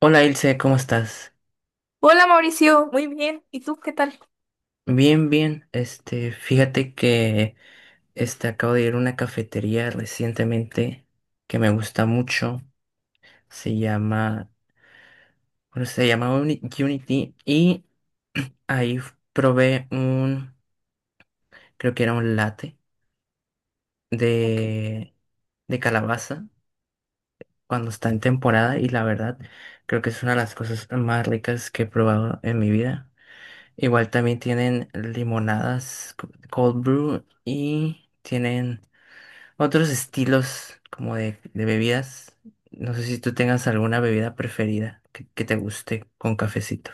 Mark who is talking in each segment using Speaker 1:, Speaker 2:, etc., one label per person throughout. Speaker 1: Hola Ilse, ¿cómo estás?
Speaker 2: Hola Mauricio, muy bien. ¿Y tú qué tal?
Speaker 1: Bien, bien. Fíjate que acabo de ir a una cafetería recientemente que me gusta mucho. Se llama, bueno, ¿se llama Unity? Y ahí probé un, creo que era un latte
Speaker 2: Ok.
Speaker 1: de, de calabaza cuando está en temporada y la verdad creo que es una de las cosas más ricas que he probado en mi vida. Igual también tienen limonadas, cold brew y tienen otros estilos como de bebidas. No sé si tú tengas alguna bebida preferida que te guste con cafecito.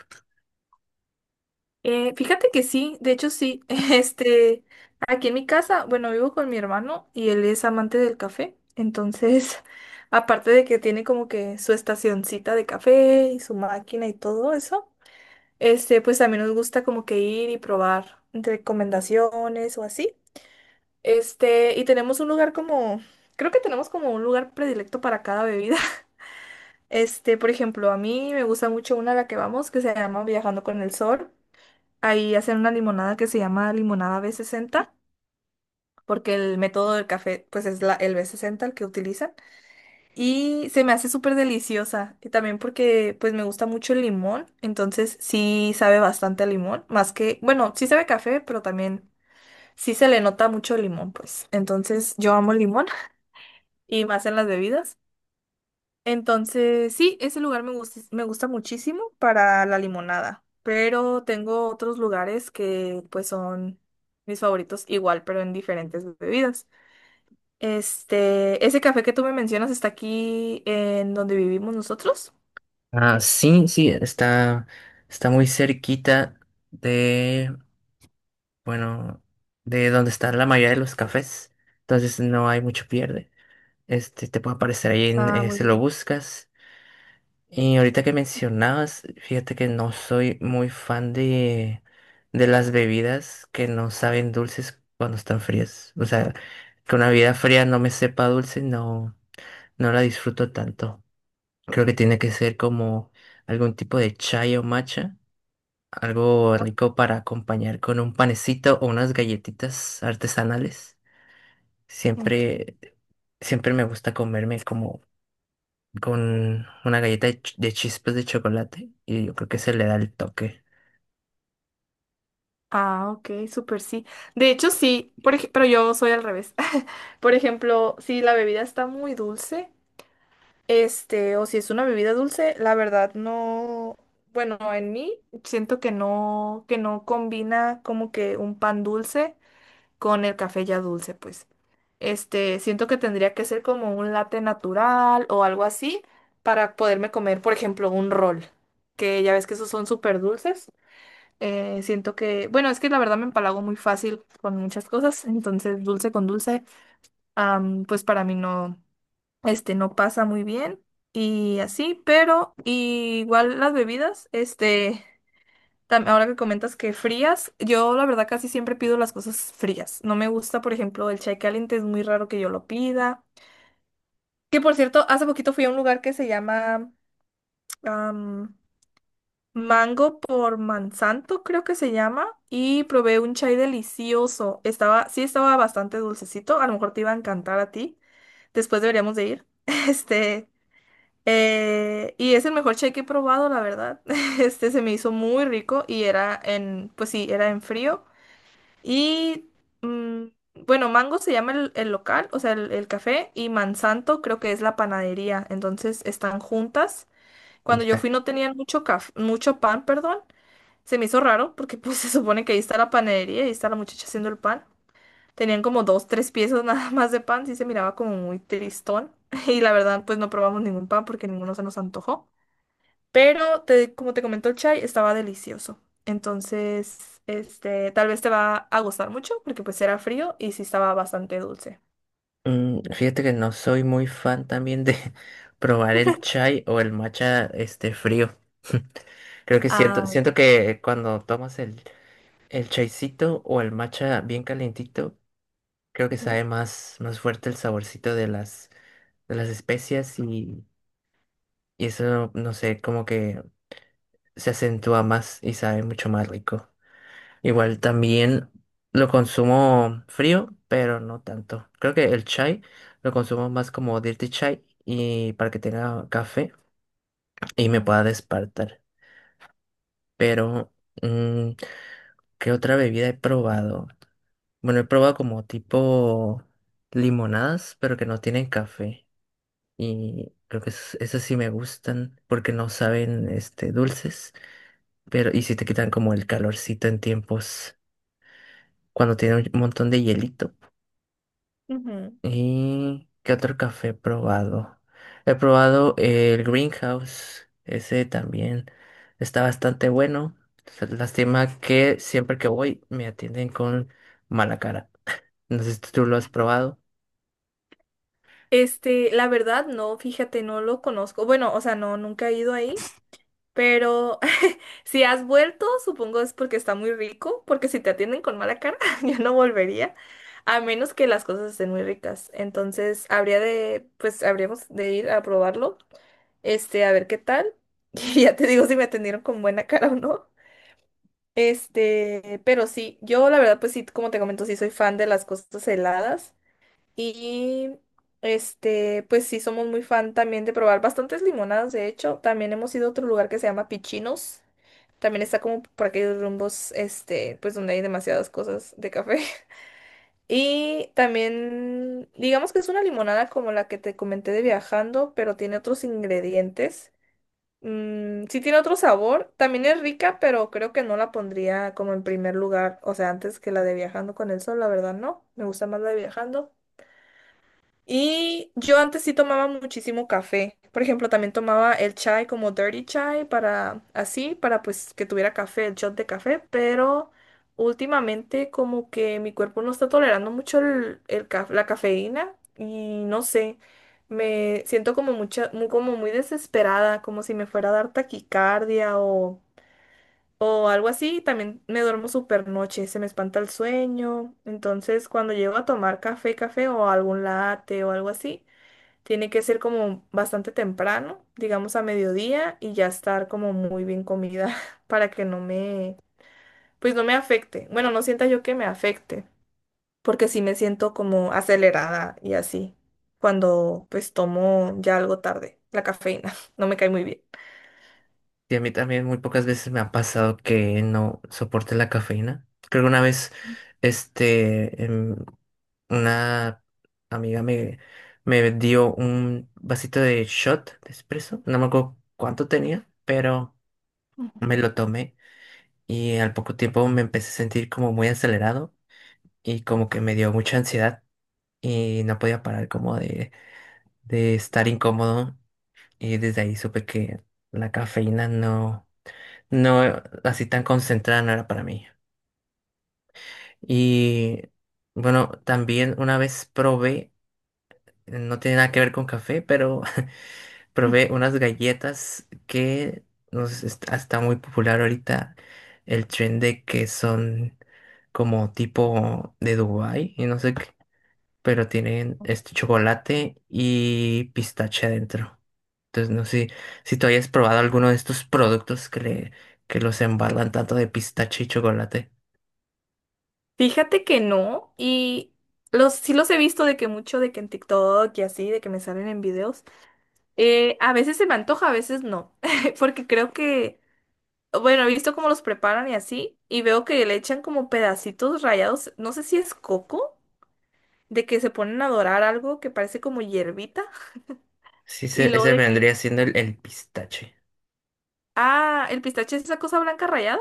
Speaker 2: Fíjate que sí, de hecho sí. Aquí en mi casa, bueno, vivo con mi hermano y él es amante del café. Entonces, aparte de que tiene como que su estacioncita de café y su máquina y todo eso, pues también nos gusta como que ir y probar recomendaciones o así. Y tenemos un lugar como, creo que tenemos como un lugar predilecto para cada bebida. Por ejemplo, a mí me gusta mucho una a la que vamos que se llama Viajando con el Sol. Ahí hacen una limonada que se llama limonada B60, porque el método del café pues es la, el B60 el que utilizan. Y se me hace súper deliciosa. Y también porque pues me gusta mucho el limón, entonces sí sabe bastante a limón, más que, bueno, sí sabe a café, pero también sí se le nota mucho el limón, pues. Entonces yo amo el limón y más en las bebidas. Entonces, sí, ese lugar me gusta muchísimo para la limonada, pero tengo otros lugares que pues son mis favoritos igual, pero en diferentes bebidas. Ese café que tú me mencionas está aquí en donde vivimos nosotros.
Speaker 1: Ah, sí, sí, está muy cerquita de, bueno, de donde están la mayoría de los cafés. Entonces no hay mucho pierde. Este, te puede aparecer ahí en,
Speaker 2: Ah, muy
Speaker 1: si lo
Speaker 2: bien.
Speaker 1: buscas. Y ahorita que mencionabas, fíjate que no soy muy fan de las bebidas que no saben dulces cuando están frías. O sea, que una bebida fría no me sepa dulce, no, no la disfruto tanto. Creo que tiene que ser como algún tipo de chai o matcha, algo
Speaker 2: Ajá,
Speaker 1: rico para acompañar con un panecito o unas galletitas artesanales.
Speaker 2: ok.
Speaker 1: Siempre, siempre me gusta comerme como con una galleta de, de chispas de chocolate y yo creo que se le da el toque.
Speaker 2: Ah, ok, súper sí. De hecho, sí, pero yo soy al revés. Por ejemplo, si la bebida está muy dulce. O si es una bebida dulce, la verdad no, bueno, en mí siento que no combina como que un pan dulce con el café ya dulce, pues. Siento que tendría que ser como un latte natural o algo así para poderme comer, por ejemplo, un rol, que ya ves que esos son súper dulces. Siento que, bueno, es que la verdad me empalago muy fácil con muchas cosas, entonces dulce con dulce, pues para mí no no pasa muy bien y así, pero igual las bebidas, ahora que comentas que frías, yo la verdad casi siempre pido las cosas frías. No me gusta, por ejemplo, el chai caliente, es muy raro que yo lo pida. Que por cierto, hace poquito fui a un lugar que se llama am, Mango por Mansanto, creo que se llama, y probé un chai delicioso. Estaba, sí estaba bastante dulcecito, a lo mejor te iba a encantar a ti. Después deberíamos de ir. Este, y es el mejor cheque que he probado, la verdad. Este se me hizo muy rico y era en, pues sí, era en frío. Y mm, bueno, Mango se llama el local, o sea, el café, y Mansanto creo que es la panadería. Entonces están juntas.
Speaker 1: Y
Speaker 2: Cuando yo
Speaker 1: está.
Speaker 2: fui no tenían mucho pan, perdón. Se me hizo raro porque pues se supone que ahí está la panadería y ahí está la muchacha haciendo el pan. Tenían como dos, tres piezas nada más de pan, sí se miraba como muy tristón. Y la verdad, pues no probamos ningún pan porque ninguno se nos antojó. Pero como te comentó el chai, estaba delicioso. Entonces, tal vez te va a gustar mucho porque pues era frío y sí estaba bastante dulce.
Speaker 1: Mm, fíjate que no soy muy fan también de probar el chai o el matcha este frío. Creo que
Speaker 2: Ah,
Speaker 1: siento que cuando tomas el chaicito o el matcha bien calientito, creo que
Speaker 2: ujú,
Speaker 1: sabe más, más fuerte el saborcito de las especias y eso, no sé, como que se acentúa más y sabe mucho más rico. Igual también lo consumo frío, pero no tanto. Creo que el chai lo consumo más como dirty chai y para que tenga café y me
Speaker 2: ujú,
Speaker 1: pueda despertar. Pero, mm, ¿qué otra bebida he probado? Bueno, he probado como tipo limonadas, pero que no tienen café. Y creo que esas sí me gustan porque no saben este dulces, pero y si te quitan como el calorcito en tiempos cuando tiene un montón de hielito.
Speaker 2: ujú.
Speaker 1: ¿Y qué otro café he probado? He probado el Greenhouse, ese también está bastante bueno. Lástima que siempre que voy me atienden con mala cara. No sé si tú lo has probado.
Speaker 2: La verdad, no, fíjate, no lo conozco. Bueno, o sea, no, nunca he ido ahí, pero si has vuelto, supongo es porque está muy rico, porque si te atienden con mala cara, yo no volvería, a menos que las cosas estén muy ricas. Entonces, habría de, pues, habríamos de ir a probarlo. A ver qué tal. Y ya te digo si me atendieron con buena cara o no. Pero sí, yo la verdad, pues sí, como te comento, sí soy fan de las cosas heladas. Y pues sí, somos muy fan también de probar bastantes limonadas. De hecho, también hemos ido a otro lugar que se llama Pichinos. También está como por aquellos rumbos, pues donde hay demasiadas cosas de café. Y también, digamos que es una limonada como la que te comenté de viajando, pero tiene otros ingredientes. Mm, sí tiene otro sabor, también es rica, pero creo que no la pondría como en primer lugar, o sea, antes que la de Viajando con el Sol, la verdad no, me gusta más la de Viajando. Y yo antes sí tomaba muchísimo café. Por ejemplo, también tomaba el chai como dirty chai para así, para pues que tuviera café, el shot de café, pero últimamente como que mi cuerpo no está tolerando mucho la cafeína y no sé, me siento como mucha, muy, como muy desesperada, como si me fuera a dar taquicardia o algo así, también me duermo súper noche, se me espanta el sueño. Entonces, cuando llego a tomar café o algún latte o algo así, tiene que ser como bastante temprano, digamos a mediodía, y ya estar como muy bien comida para que no me, pues no me afecte. Bueno, no sienta yo que me afecte, porque sí me siento como acelerada y así, cuando pues tomo ya algo tarde, la cafeína, no me cae muy bien.
Speaker 1: Y a mí también muy pocas veces me ha pasado que no soporte la cafeína. Creo que una vez, este, em, una amiga me, me dio un vasito de shot de espresso. No me acuerdo cuánto tenía, pero... Me lo tomé y al poco tiempo me empecé a sentir como muy acelerado y como que me dio mucha ansiedad y no podía parar como de estar incómodo y desde ahí supe que la cafeína no, no así tan concentrada no era para mí. Y bueno, también una vez probé, no tiene nada que ver con café, pero probé unas galletas que está muy popular ahorita el trend de que son como tipo de Dubái y no sé qué, pero tienen este chocolate y pistache adentro. Entonces no sé si tú hayas probado alguno de estos productos que los embargan tanto de pistache y chocolate.
Speaker 2: Fíjate que no, y los sí los he visto de que mucho, de que en TikTok y así, de que me salen en videos. A veces se me antoja, a veces no, porque creo que, bueno, he visto cómo los preparan y así, y veo que le echan como pedacitos rayados, no sé si es coco, de que se ponen a dorar algo que parece como hierbita,
Speaker 1: Sí,
Speaker 2: y luego
Speaker 1: ese
Speaker 2: de que,
Speaker 1: vendría siendo el pistache.
Speaker 2: ah, el pistache es esa cosa blanca rayada.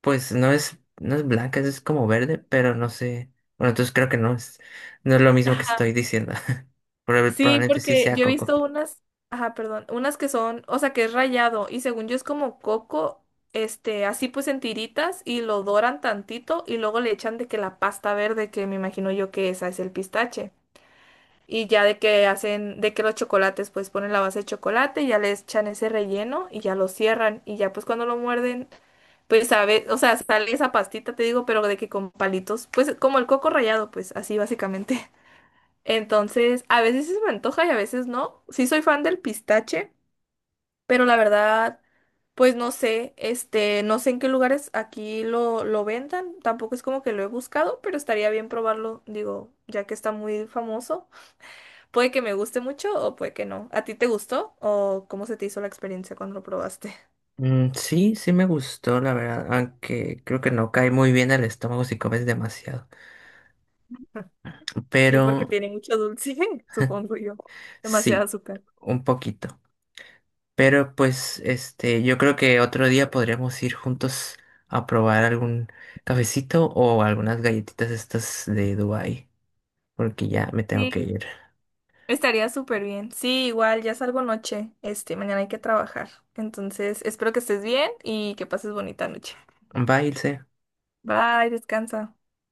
Speaker 1: Pues no es, no es blanca, es como verde, pero no sé. Bueno, entonces creo que no es, no es lo mismo que estoy diciendo.
Speaker 2: Sí,
Speaker 1: Probablemente sí
Speaker 2: porque
Speaker 1: sea
Speaker 2: yo he
Speaker 1: coco.
Speaker 2: visto unas, ajá, perdón, unas que son, o sea, que es rayado y según yo es como coco, así pues en tiritas y lo doran tantito y luego le echan de que la pasta verde, que me imagino yo que esa es el pistache. Y ya de que hacen, de que los chocolates, pues ponen la base de chocolate y ya le echan ese relleno y ya lo cierran y ya pues cuando lo muerden, pues sabe, o sea, sale esa pastita, te digo, pero de que con palitos, pues como el coco rallado, pues así básicamente. Entonces, a veces sí se me antoja y a veces no. Sí soy fan del pistache, pero la verdad, pues no sé, no sé en qué lugares aquí lo vendan. Tampoco es como que lo he buscado, pero estaría bien probarlo, digo, ya que está muy famoso. Puede que me guste mucho o puede que no. ¿A ti te gustó o cómo se te hizo la experiencia cuando lo probaste?
Speaker 1: Mm, sí, sí me gustó, la verdad, aunque creo que no cae muy bien al estómago si comes demasiado.
Speaker 2: Sí, porque
Speaker 1: Pero
Speaker 2: tiene mucho dulce, supongo yo. Demasiado
Speaker 1: sí,
Speaker 2: azúcar.
Speaker 1: un poquito. Pero pues, este, yo creo que otro día podríamos ir juntos a probar algún cafecito o algunas galletitas estas de Dubái, porque ya me tengo que
Speaker 2: Sí.
Speaker 1: ir.
Speaker 2: Estaría súper bien. Sí, igual ya salgo noche. Mañana hay que trabajar. Entonces, espero que estés bien y que pases bonita noche.
Speaker 1: Bye, Ilse.
Speaker 2: Bye, descansa.